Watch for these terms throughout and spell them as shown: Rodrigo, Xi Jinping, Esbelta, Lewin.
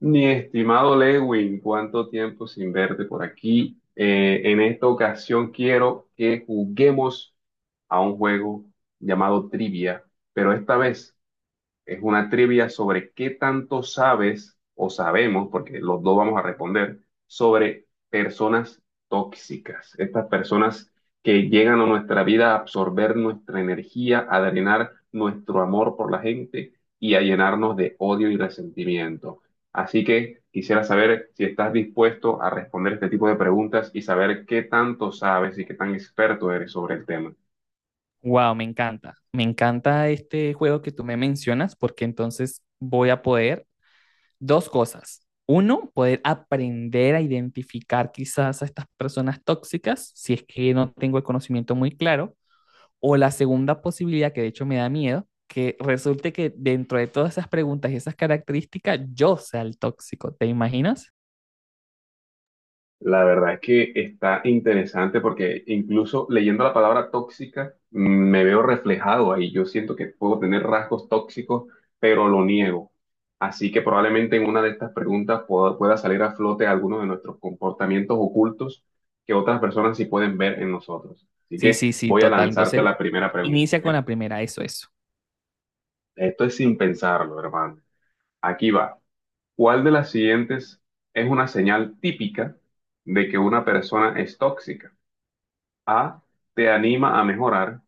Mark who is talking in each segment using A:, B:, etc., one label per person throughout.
A: Mi estimado Lewin, cuánto tiempo sin verte por aquí. En esta ocasión quiero que juguemos a un juego llamado Trivia, pero esta vez es una trivia sobre qué tanto sabes o sabemos, porque los dos vamos a responder, sobre personas tóxicas. Estas personas que llegan a nuestra vida a absorber nuestra energía, a drenar nuestro amor por la gente y a llenarnos de odio y resentimiento. Así que quisiera saber si estás dispuesto a responder este tipo de preguntas y saber qué tanto sabes y qué tan experto eres sobre el tema.
B: Wow, me encanta. Me encanta este juego que tú me mencionas porque entonces voy a poder dos cosas. Uno, poder aprender a identificar quizás a estas personas tóxicas si es que no tengo el conocimiento muy claro. O la segunda posibilidad, que de hecho me da miedo, que resulte que dentro de todas esas preguntas y esas características yo sea el tóxico. ¿Te imaginas?
A: La verdad es que está interesante porque incluso leyendo la palabra tóxica, me veo reflejado ahí. Yo siento que puedo tener rasgos tóxicos, pero lo niego. Así que probablemente en una de estas preguntas pueda salir a flote algunos de nuestros comportamientos ocultos que otras personas sí pueden ver en nosotros. Así
B: Sí,
A: que
B: sí, sí,
A: voy a
B: total.
A: lanzarte
B: Entonces,
A: la primera pregunta,
B: inicia con
A: ¿eh?
B: la primera, eso.
A: Esto es sin pensarlo, hermano. Aquí va. ¿Cuál de las siguientes es una señal típica de que una persona es tóxica? A, te anima a mejorar.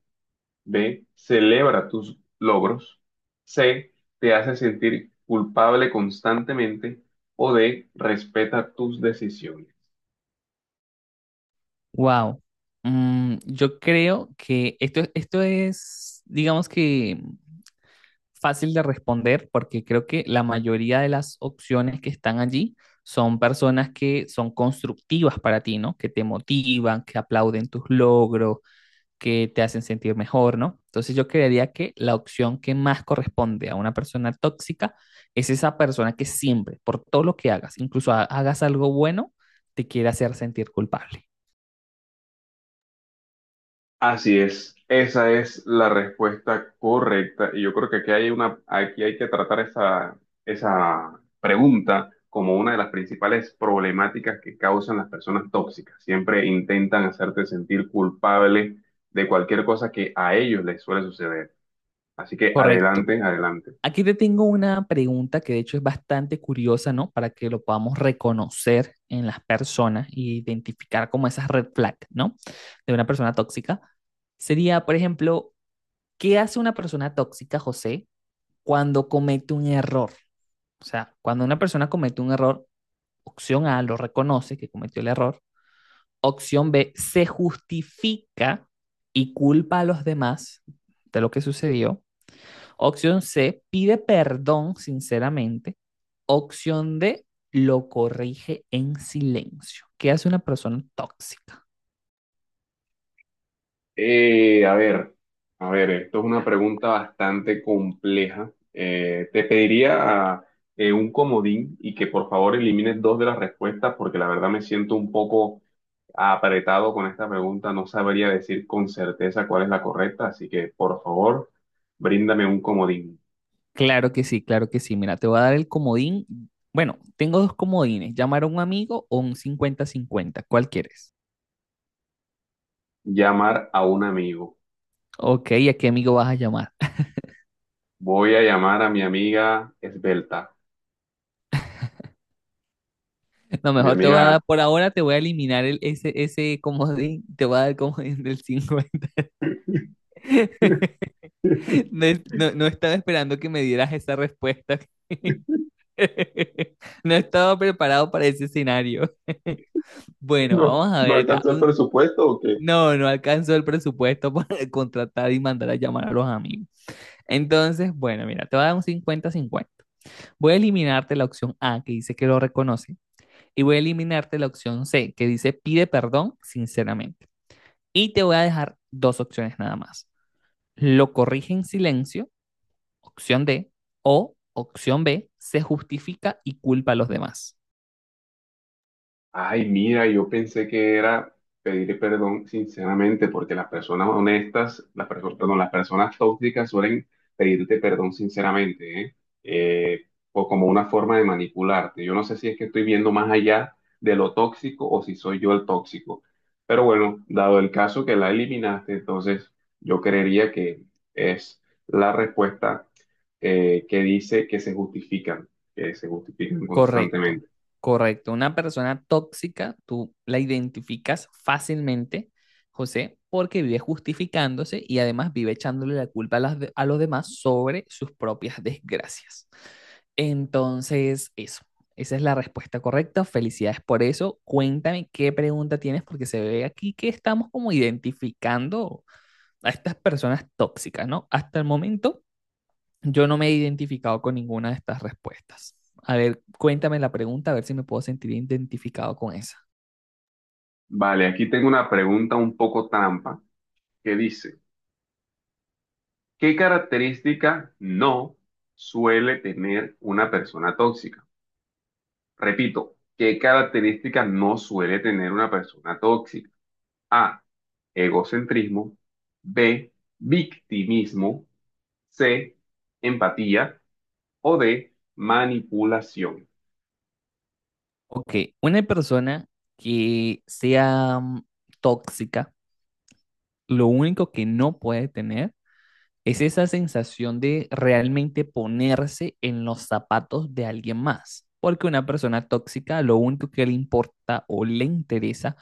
A: B, celebra tus logros. C, te hace sentir culpable constantemente. O D, respeta tus decisiones.
B: Wow. Yo creo que esto es, digamos que fácil de responder porque creo que la mayoría de las opciones que están allí son personas que son constructivas para ti, ¿no? Que te motivan, que aplauden tus logros, que te hacen sentir mejor, ¿no? Entonces yo creería que la opción que más corresponde a una persona tóxica es esa persona que siempre, por todo lo que hagas, incluso hagas algo bueno, te quiere hacer sentir culpable.
A: Así es, esa es la respuesta correcta. Y yo creo que aquí hay una, aquí hay que tratar esa pregunta como una de las principales problemáticas que causan las personas tóxicas. Siempre intentan hacerte sentir culpable de cualquier cosa que a ellos les suele suceder. Así que
B: Correcto.
A: adelante, adelante.
B: Aquí te tengo una pregunta que de hecho es bastante curiosa, ¿no? Para que lo podamos reconocer en las personas e identificar como esas red flags, ¿no? De una persona tóxica. Sería, por ejemplo, ¿qué hace una persona tóxica, José, cuando comete un error? O sea, cuando una persona comete un error, opción A, lo reconoce que cometió el error. Opción B, se justifica y culpa a los demás de lo que sucedió. Opción C, pide perdón sinceramente. Opción D, lo corrige en silencio. ¿Qué hace una persona tóxica?
A: Eh, a ver, a ver, esto es una pregunta bastante compleja. Te pediría un comodín y que por favor elimines dos de las respuestas porque la verdad me siento un poco apretado con esta pregunta. No sabría decir con certeza cuál es la correcta, así que por favor, bríndame un comodín.
B: Claro que sí, claro que sí. Mira, te voy a dar el comodín. Bueno, tengo dos comodines, llamar a un amigo o un cincuenta-cincuenta. ¿Cuál quieres?
A: Llamar a un amigo.
B: Ok, ¿y a qué amigo vas a llamar?
A: Voy a llamar a mi amiga Esbelta,
B: No,
A: a mi
B: mejor te voy a dar,
A: amiga...
B: por ahora te voy a eliminar el, ese comodín, te voy a dar el comodín del 50. No, no estaba esperando que me dieras esa respuesta. No estaba preparado para ese escenario. Bueno,
A: ¿No,
B: vamos a
A: no
B: ver acá.
A: alcanzó el
B: Un-
A: presupuesto o qué?
B: No, no alcanzó el presupuesto para contratar y mandar a llamar a los amigos. Entonces, bueno, mira, te voy a dar un cincuenta-cincuenta. Voy a eliminarte la opción A, que dice que lo reconoce, y voy a eliminarte la opción C, que dice pide perdón sinceramente. Y te voy a dejar dos opciones nada más. Lo corrige en silencio, opción D, o opción B, se justifica y culpa a los demás.
A: Ay, mira, yo pensé que era pedir perdón sinceramente, porque las personas honestas, las personas, perdón, las personas tóxicas suelen pedirte perdón sinceramente, ¿eh? Eh, o como una forma de manipularte. Yo no sé si es que estoy viendo más allá de lo tóxico o si soy yo el tóxico. Pero bueno, dado el caso que la eliminaste, entonces yo creería que es la respuesta que dice que se justifican
B: Correcto,
A: constantemente.
B: correcto. Una persona tóxica, tú la identificas fácilmente, José, porque vive justificándose y además vive echándole la culpa a, a los demás sobre sus propias desgracias. Entonces, esa es la respuesta correcta. Felicidades por eso. Cuéntame qué pregunta tienes, porque se ve aquí que estamos como identificando a estas personas tóxicas, ¿no? Hasta el momento yo no me he identificado con ninguna de estas respuestas. A ver, cuéntame la pregunta, a ver si me puedo sentir identificado con esa.
A: Vale, aquí tengo una pregunta un poco trampa que dice, ¿qué característica no suele tener una persona tóxica? Repito, ¿qué característica no suele tener una persona tóxica? A, egocentrismo, B, victimismo, C, empatía o D, manipulación.
B: Ok, una persona que sea tóxica, lo único que no puede tener es esa sensación de realmente ponerse en los zapatos de alguien más. Porque una persona tóxica, lo único que le importa o le interesa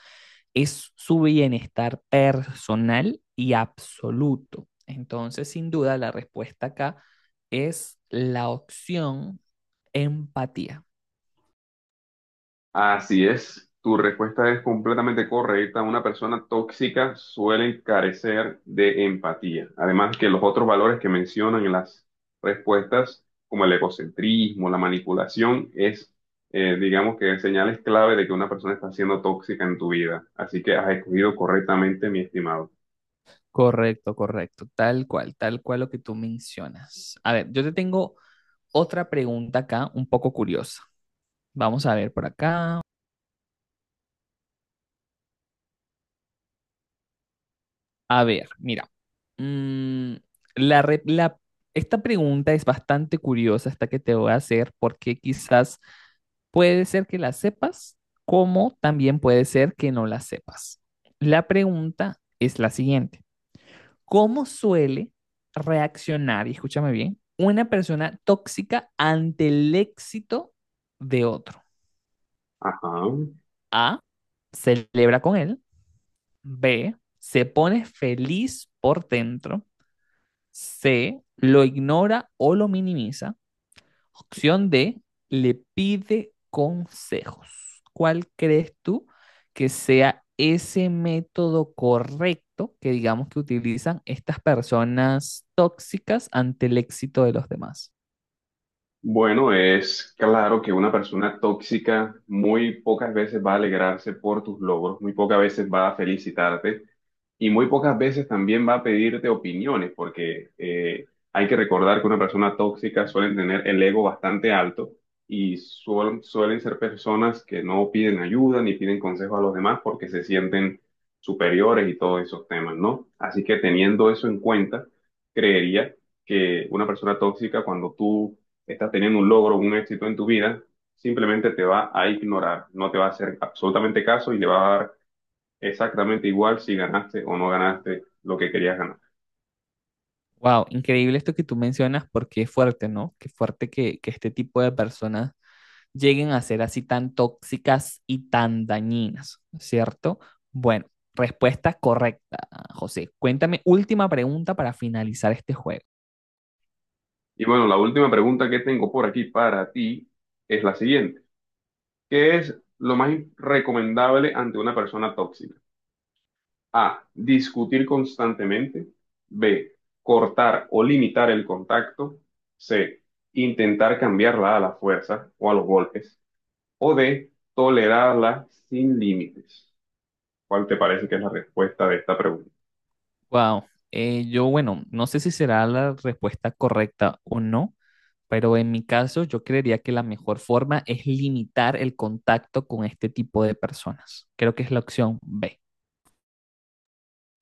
B: es su bienestar personal y absoluto. Entonces, sin duda, la respuesta acá es la opción empatía.
A: Así es, tu respuesta es completamente correcta. Una persona tóxica suele carecer de empatía. Además que los otros valores que mencionan en las respuestas, como el egocentrismo, la manipulación, es, digamos que señales clave de que una persona está siendo tóxica en tu vida. Así que has escogido correctamente, mi estimado.
B: Correcto, correcto, tal cual lo que tú mencionas. A ver, yo te tengo otra pregunta acá, un poco curiosa. Vamos a ver por acá. A ver, mira. mm, la, re- la- Esta pregunta es bastante curiosa, esta que te voy a hacer, porque quizás puede ser que la sepas, como también puede ser que no la sepas. La pregunta es la siguiente. ¿Cómo suele reaccionar, y escúchame bien, una persona tóxica ante el éxito de otro?
A: Ajá.
B: A, celebra con él. B, se pone feliz por dentro. C, lo ignora o lo minimiza. Opción D, le pide consejos. ¿Cuál crees tú que sea ese método correcto que digamos que utilizan estas personas tóxicas ante el éxito de los demás?
A: Bueno, es claro que una persona tóxica muy pocas veces va a alegrarse por tus logros, muy pocas veces va a felicitarte. Y muy pocas veces también va a pedirte opiniones, porque hay que recordar que una persona tóxica suelen tener el ego bastante alto y suelen ser personas que no piden ayuda ni piden consejo a los demás porque se sienten superiores y todos esos temas, ¿no? Así que teniendo eso en cuenta, creería que una persona tóxica, cuando tú estás teniendo un logro, un éxito en tu vida, simplemente te va a ignorar, no te va a hacer absolutamente caso y le va a dar exactamente igual si ganaste o no ganaste lo que querías ganar.
B: Wow, increíble esto que tú mencionas porque es fuerte, ¿no? Qué fuerte que este tipo de personas lleguen a ser así tan tóxicas y tan dañinas, ¿cierto? Bueno, respuesta correcta, José. Cuéntame, última pregunta para finalizar este juego.
A: Y bueno, la última pregunta que tengo por aquí para ti es la siguiente. ¿Qué es lo más recomendable ante una persona tóxica? A, discutir constantemente. B, cortar o limitar el contacto. C, intentar cambiarla a la fuerza o a los golpes. O D, tolerarla sin límites. ¿Cuál te parece que es la respuesta de esta pregunta?
B: Wow, yo bueno, no sé si será la respuesta correcta o no, pero en mi caso yo creería que la mejor forma es limitar el contacto con este tipo de personas. Creo que es la opción B.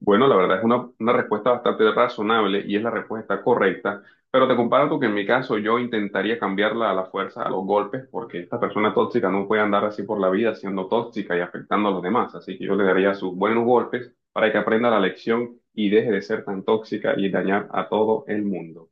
A: Bueno, la verdad es una respuesta bastante razonable y es la respuesta correcta, pero te comparto que en mi caso yo intentaría cambiarla a la fuerza, a los golpes, porque esta persona tóxica no puede andar así por la vida siendo tóxica y afectando a los demás, así que yo le daría sus buenos golpes para que aprenda la lección y deje de ser tan tóxica y dañar a todo el mundo.